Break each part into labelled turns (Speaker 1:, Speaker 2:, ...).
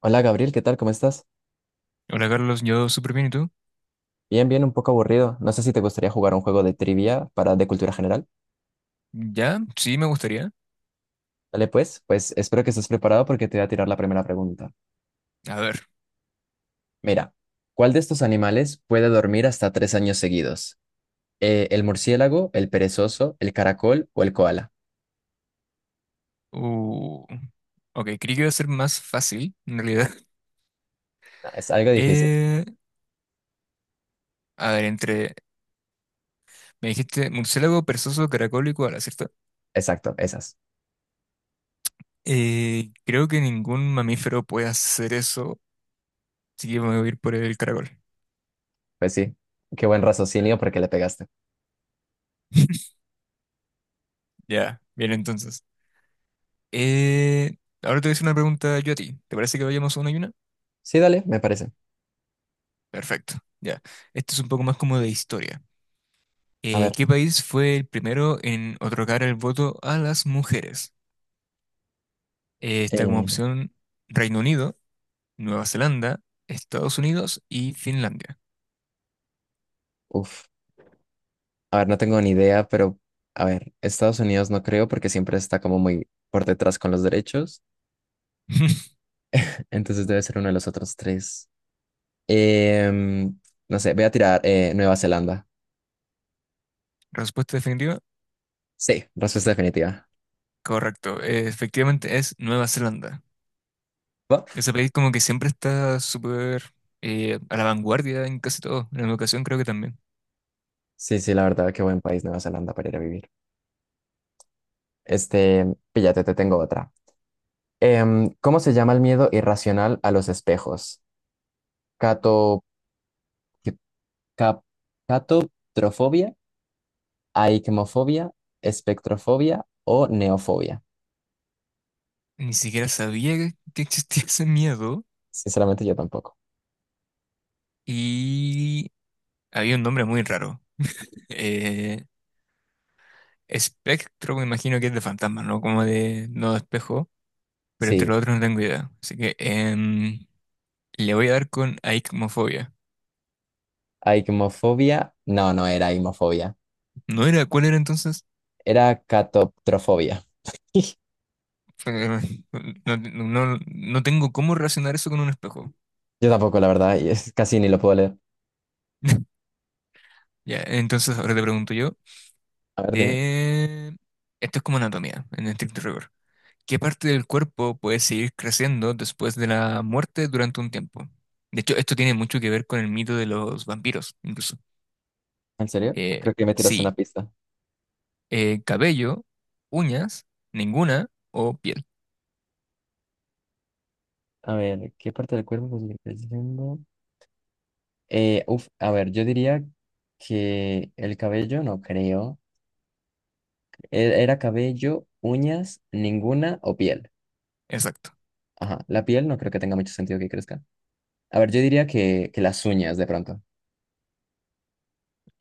Speaker 1: Hola Gabriel, ¿qué tal? ¿Cómo estás?
Speaker 2: Hola Carlos, yo súper bien, ¿y tú?
Speaker 1: Bien, bien, un poco aburrido. No sé si te gustaría jugar un juego de trivia para de cultura general.
Speaker 2: Ya, sí, me gustaría.
Speaker 1: Dale pues, pues espero que estés preparado porque te voy a tirar la primera pregunta.
Speaker 2: A ver,
Speaker 1: Mira, ¿cuál de estos animales puede dormir hasta tres años seguidos? ¿El murciélago, el perezoso, el caracol o el koala?
Speaker 2: uh, ok, creí que iba a ser más fácil, en realidad.
Speaker 1: Ah, es algo difícil.
Speaker 2: Eh, a ver, me dijiste murciélago, perezoso, caracol y koala, ¿cierto?
Speaker 1: Exacto, esas.
Speaker 2: Creo que ningún mamífero puede hacer eso, así que me voy a ir por el caracol.
Speaker 1: Pues sí, qué buen raciocinio porque le pegaste.
Speaker 2: Ya, bien entonces. Eh, ahora te voy a hacer una pregunta yo a ti. ¿Te parece que vayamos a una y una?
Speaker 1: Sí, dale, me parece.
Speaker 2: Perfecto, ya. Esto es un poco más como de historia.
Speaker 1: A ver,
Speaker 2: ¿Qué país fue el primero en otorgar el voto a las mujeres? Está como
Speaker 1: eh,
Speaker 2: opción Reino Unido, Nueva Zelanda, Estados Unidos y Finlandia.
Speaker 1: uf. A ver, no tengo ni idea, pero a ver, Estados Unidos no creo porque siempre está como muy por detrás con los derechos. Entonces debe ser uno de los otros tres. Em, no sé, voy a tirar Nueva Zelanda.
Speaker 2: Respuesta definitiva.
Speaker 1: Sí, respuesta definitiva.
Speaker 2: Correcto. Efectivamente es Nueva Zelanda.
Speaker 1: ¿Va?
Speaker 2: Ese país como que siempre está súper a la vanguardia en casi todo. En la educación creo que también.
Speaker 1: Sí, sí, la verdad, qué buen país Nueva Zelanda para ir a vivir. Este, píllate, te tengo otra. ¿Cómo se llama el miedo irracional a los espejos? Cato, ¿qué- cap- catotrofobia, aikmofobia, espectrofobia o neofobia.
Speaker 2: Ni siquiera sabía que existía ese miedo
Speaker 1: Sinceramente yo tampoco.
Speaker 2: y había un nombre muy raro. Eh, Espectro, me imagino que es de fantasma, ¿no? Como de no de espejo, pero entre
Speaker 1: Sí,
Speaker 2: los otros no tengo idea. Así que le voy a dar con aicmofobia.
Speaker 1: aigmofobia. No, no era aigmofobia.
Speaker 2: ¿No era? ¿Cuál era entonces?
Speaker 1: Era catotrofobia.
Speaker 2: No, no, no tengo cómo relacionar eso con un espejo.
Speaker 1: Yo tampoco, la verdad, y es, casi ni lo puedo leer.
Speaker 2: Ya, entonces ahora te pregunto yo,
Speaker 1: A ver, dime.
Speaker 2: de... esto es como anatomía, en estricto rigor. ¿Qué parte del cuerpo puede seguir creciendo después de la muerte durante un tiempo? De hecho, esto tiene mucho que ver con el mito de los vampiros, incluso.
Speaker 1: ¿En serio?
Speaker 2: Eh,
Speaker 1: Creo que me tiras una
Speaker 2: sí.
Speaker 1: pista.
Speaker 2: Cabello, uñas, ninguna o piel.
Speaker 1: A ver, ¿qué parte del cuerpo podría estar diciendo? Uf, a ver, yo diría que el cabello, no creo. Era cabello, uñas, ninguna o piel.
Speaker 2: Exacto.
Speaker 1: Ajá, la piel no creo que tenga mucho sentido que crezca. A ver, yo diría que las uñas de pronto.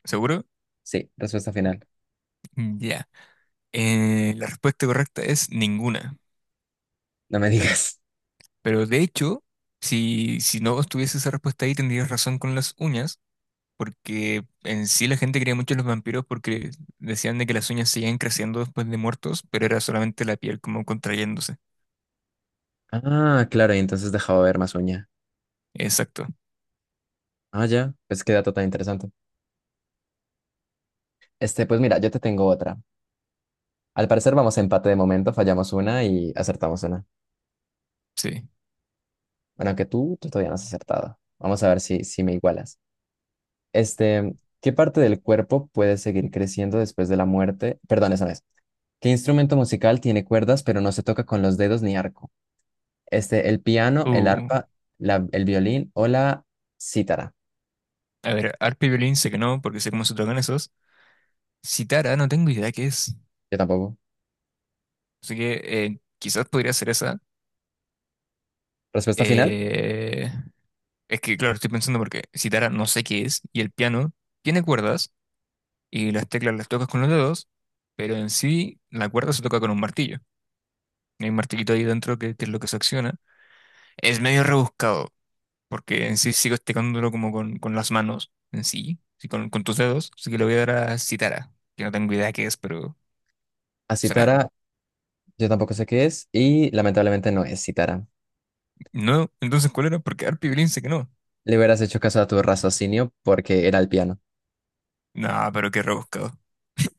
Speaker 2: ¿Seguro?
Speaker 1: Sí, respuesta final.
Speaker 2: Ya. La respuesta correcta es ninguna.
Speaker 1: No me digas.
Speaker 2: Pero de hecho, si no estuviese esa respuesta ahí, tendrías razón con las uñas, porque en sí la gente creía mucho en los vampiros porque decían de que las uñas seguían creciendo después de muertos, pero era solamente la piel como contrayéndose.
Speaker 1: Ah, claro, y entonces dejaba ver más uña.
Speaker 2: Exacto.
Speaker 1: Ah, ya, pues qué dato tan interesante. Este, pues mira, yo te tengo otra. Al parecer vamos a empate de momento, fallamos una y acertamos una.
Speaker 2: Sí.
Speaker 1: Bueno, que tú todavía no has acertado. Vamos a ver si me igualas. Este, ¿qué parte del cuerpo puede seguir creciendo después de la muerte? Perdón, esa no es. ¿Qué instrumento musical tiene cuerdas pero no se toca con los dedos ni arco? Este, el piano, el
Speaker 2: Uh,
Speaker 1: arpa, el violín o la cítara.
Speaker 2: a ver, arpa y violín sé que no, porque sé cómo se tocan esos. Citara, no tengo idea qué es.
Speaker 1: Yo tampoco.
Speaker 2: Así que quizás podría ser esa.
Speaker 1: Respuesta final,
Speaker 2: Eh, es que, claro, estoy pensando porque citara no sé qué es, y el piano tiene cuerdas, y las teclas las tocas con los dedos, pero en sí la cuerda se toca con un martillo. Hay un martillito ahí dentro que es lo que se acciona. Es medio rebuscado, porque en sí sigo tecándolo como con las manos, en sí, sí, con tus dedos, así que lo voy a dar a citara, que no tengo idea qué es, pero
Speaker 1: a
Speaker 2: será.
Speaker 1: cítara. Yo tampoco sé qué es y lamentablemente no es cítara.
Speaker 2: No, entonces, ¿cuál era? Porque Arpi Blin sé que no.
Speaker 1: Le hubieras hecho caso a tu raciocinio porque era el piano.
Speaker 2: No, pero qué rebuscado.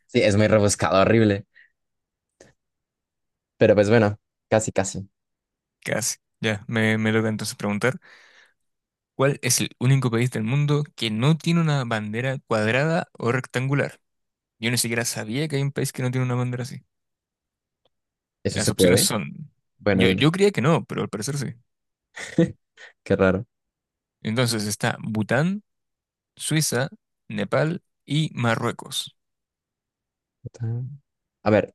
Speaker 1: Sí, es muy rebuscado, horrible. Pero pues bueno, casi, casi.
Speaker 2: Casi. Ya, me toca entonces preguntar, ¿cuál es el único país del mundo que no tiene una bandera cuadrada o rectangular? Yo ni siquiera sabía que hay un país que no tiene una bandera así. Y
Speaker 1: ¿Eso
Speaker 2: las
Speaker 1: se
Speaker 2: opciones
Speaker 1: puede?
Speaker 2: son,
Speaker 1: Bueno, dime.
Speaker 2: yo creía que no, pero al parecer sí.
Speaker 1: Qué raro.
Speaker 2: Entonces está Bután, Suiza, Nepal y Marruecos.
Speaker 1: Bután. A ver,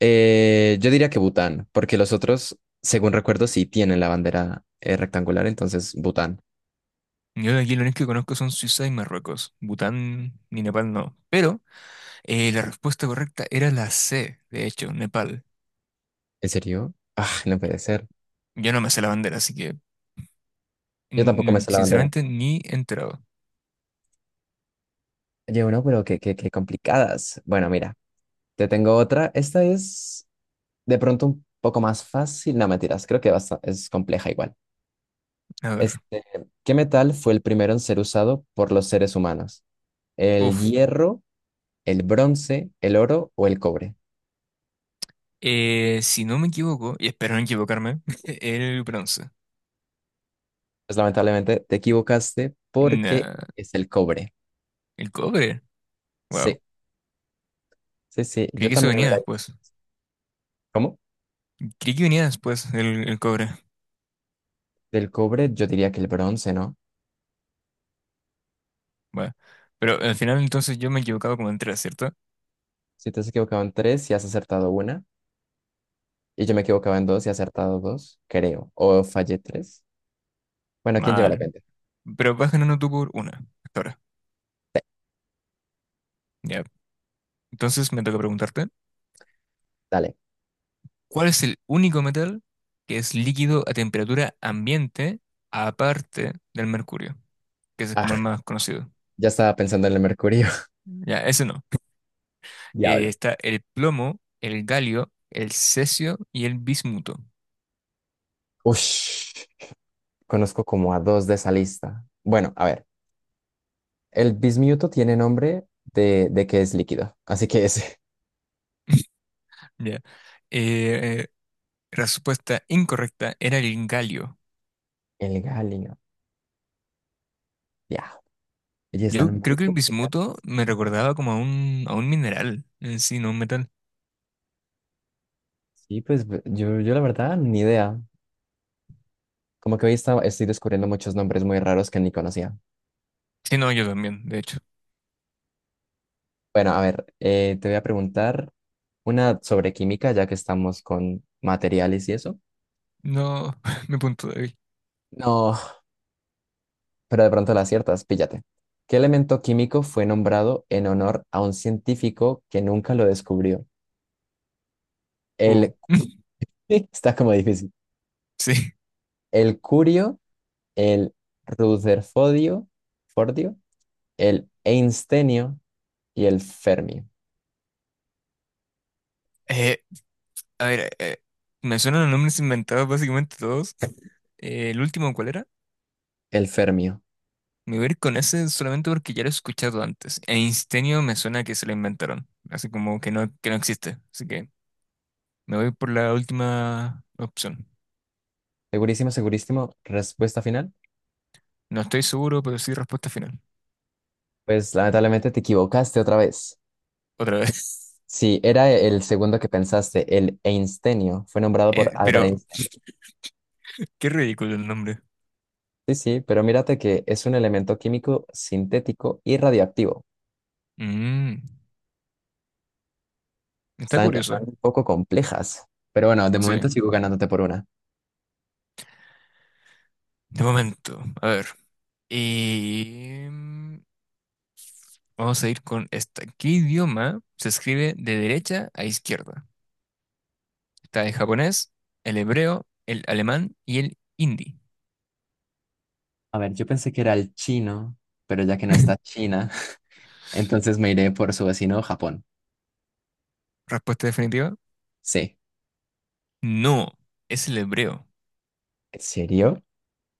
Speaker 1: yo diría que Bután, porque los otros, según recuerdo, sí tienen la bandera rectangular, entonces Bután.
Speaker 2: Yo de aquí lo único que conozco son Suiza y Marruecos. Bután ni Nepal no. Pero la respuesta correcta era la C, de hecho, Nepal.
Speaker 1: ¿En serio? Ah, no puede ser.
Speaker 2: Yo no me sé la bandera, así que
Speaker 1: Yo tampoco me sé la bandera.
Speaker 2: sinceramente ni enterado.
Speaker 1: Oye, no, pero qué complicadas. Bueno, mira, te tengo otra. Esta es de pronto un poco más fácil, no mentiras, creo que es compleja igual.
Speaker 2: A ver.
Speaker 1: Este, ¿qué metal fue el primero en ser usado por los seres humanos? ¿El
Speaker 2: Uf.
Speaker 1: hierro, el bronce, el oro o el cobre?
Speaker 2: Si no me equivoco, y espero no equivocarme, el bronce.
Speaker 1: Pues lamentablemente te equivocaste porque
Speaker 2: Nah,
Speaker 1: es el cobre.
Speaker 2: el cobre. Wow.
Speaker 1: Sí, sí, sí,
Speaker 2: Creí
Speaker 1: yo
Speaker 2: que eso
Speaker 1: también lo
Speaker 2: venía
Speaker 1: hubiera...
Speaker 2: después.
Speaker 1: ¿Cómo?
Speaker 2: Creí que venía después el cobre.
Speaker 1: Del cobre yo diría que el bronce, ¿no?
Speaker 2: Bueno. Pero al final entonces yo me he equivocado como en tres, ¿cierto?
Speaker 1: Si te has equivocado en tres y has acertado una, y yo me equivocaba en dos y he acertado dos, creo, o fallé tres. Bueno, ¿quién lleva la
Speaker 2: Mal.
Speaker 1: cuenta?
Speaker 2: Pero vas ganando tú por una. Hasta ahora. Ya. Entonces me toca preguntarte,
Speaker 1: Dale.
Speaker 2: ¿cuál es el único metal que es líquido a temperatura ambiente aparte del mercurio? Que ese es como
Speaker 1: Ah,
Speaker 2: el más conocido.
Speaker 1: ya estaba pensando en el mercurio.
Speaker 2: Ya, ese no.
Speaker 1: Diablo.
Speaker 2: Está el plomo, el galio, el cesio y el bismuto.
Speaker 1: Ush, conozco como a dos de esa lista. Bueno, a ver, el bismuto tiene nombre de que es líquido, así que es
Speaker 2: Ya. Eh, respuesta incorrecta era el galio.
Speaker 1: el galio. Ya, ellas
Speaker 2: Yo
Speaker 1: están
Speaker 2: creo
Speaker 1: muy
Speaker 2: que el
Speaker 1: complicadas.
Speaker 2: bismuto me recordaba como a a un mineral en sí, no un metal.
Speaker 1: Sí, pues yo la verdad, ni idea. Como que hoy estoy descubriendo muchos nombres muy raros que ni conocía.
Speaker 2: Sí, no, yo también, de hecho.
Speaker 1: Bueno, a ver, te voy a preguntar una sobre química, ya que estamos con materiales y eso.
Speaker 2: No, mi punto débil.
Speaker 1: No, pero de pronto la aciertas, píllate. ¿Qué elemento químico fue nombrado en honor a un científico que nunca lo descubrió?
Speaker 2: Uh,
Speaker 1: El, está como difícil.
Speaker 2: sí.
Speaker 1: El curio, el rutherfordio, fordio, el einstenio y el fermio.
Speaker 2: Eh, a ver, eh, me suenan los nombres inventados básicamente todos. ¿el último cuál era?
Speaker 1: El fermio.
Speaker 2: Me voy a ir con ese solamente porque ya lo he escuchado antes. Einsteinio me suena que se lo inventaron. Así como que no existe. Así que me voy por la última opción.
Speaker 1: Segurísimo, segurísimo. Respuesta final.
Speaker 2: No estoy seguro, pero sí respuesta final.
Speaker 1: Pues lamentablemente te equivocaste otra vez.
Speaker 2: Otra vez.
Speaker 1: Sí, era el segundo que pensaste, el einstenio. Fue nombrado por Albert
Speaker 2: Pero
Speaker 1: Einstein.
Speaker 2: qué ridículo el nombre.
Speaker 1: Sí, sí, pero mírate que es un elemento químico sintético y radioactivo.
Speaker 2: Mm, está
Speaker 1: Están,
Speaker 2: curioso.
Speaker 1: están un poco complejas. Pero bueno, de
Speaker 2: Sí.
Speaker 1: momento sigo ganándote por una.
Speaker 2: De momento. A ver. Y vamos a ir con esta. ¿Qué idioma se escribe de derecha a izquierda? Está el japonés, el hebreo, el alemán y el hindi.
Speaker 1: A ver, yo pensé que era el chino, pero ya que no está China, entonces me iré por su vecino Japón.
Speaker 2: Respuesta definitiva.
Speaker 1: Sí.
Speaker 2: No, es el hebreo.
Speaker 1: ¿En serio?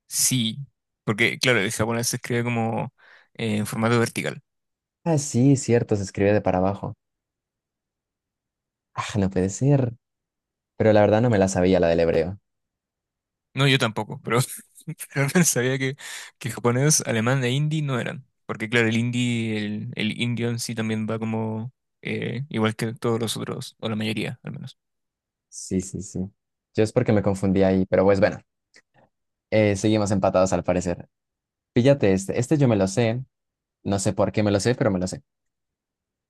Speaker 2: Sí, porque claro, el japonés se escribe como en formato vertical.
Speaker 1: Ah, sí, cierto, se escribe de para abajo. Ah, no puede ser. Pero la verdad no me la sabía la del hebreo.
Speaker 2: No, yo tampoco, pero, pero no sabía que japonés, alemán e hindi no eran. Porque claro, el hindi, el indio en sí también va como igual que todos los otros, o la mayoría al menos.
Speaker 1: Sí, sí, sí. Yo es porque me confundí ahí, pero pues bueno, seguimos empatados al parecer. Fíjate este, este yo me lo sé, no sé por qué me lo sé, pero me lo sé.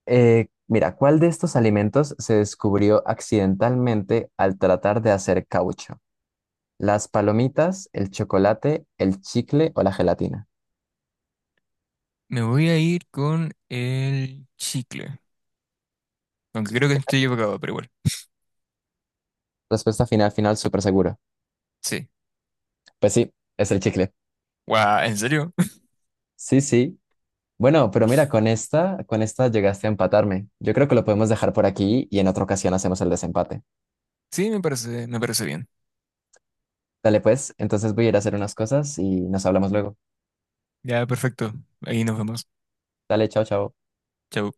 Speaker 1: Mira, ¿cuál de estos alimentos se descubrió accidentalmente al tratar de hacer caucho? ¿Las palomitas, el chocolate, el chicle o la gelatina?
Speaker 2: Me voy a ir con el chicle, aunque creo que estoy equivocado, pero igual.
Speaker 1: Respuesta final, final, súper seguro.
Speaker 2: Sí.
Speaker 1: Pues sí, es el chicle.
Speaker 2: Guau, ¿en serio?
Speaker 1: Sí, sí. Bueno, pero mira, con esta llegaste a empatarme. Yo creo que lo podemos dejar por aquí y en otra ocasión hacemos el desempate.
Speaker 2: Sí, me parece bien.
Speaker 1: Dale, pues, entonces voy a ir a hacer unas cosas y nos hablamos luego.
Speaker 2: Ya, perfecto. Ahí nos vemos.
Speaker 1: Dale, chao, chao.
Speaker 2: Chau.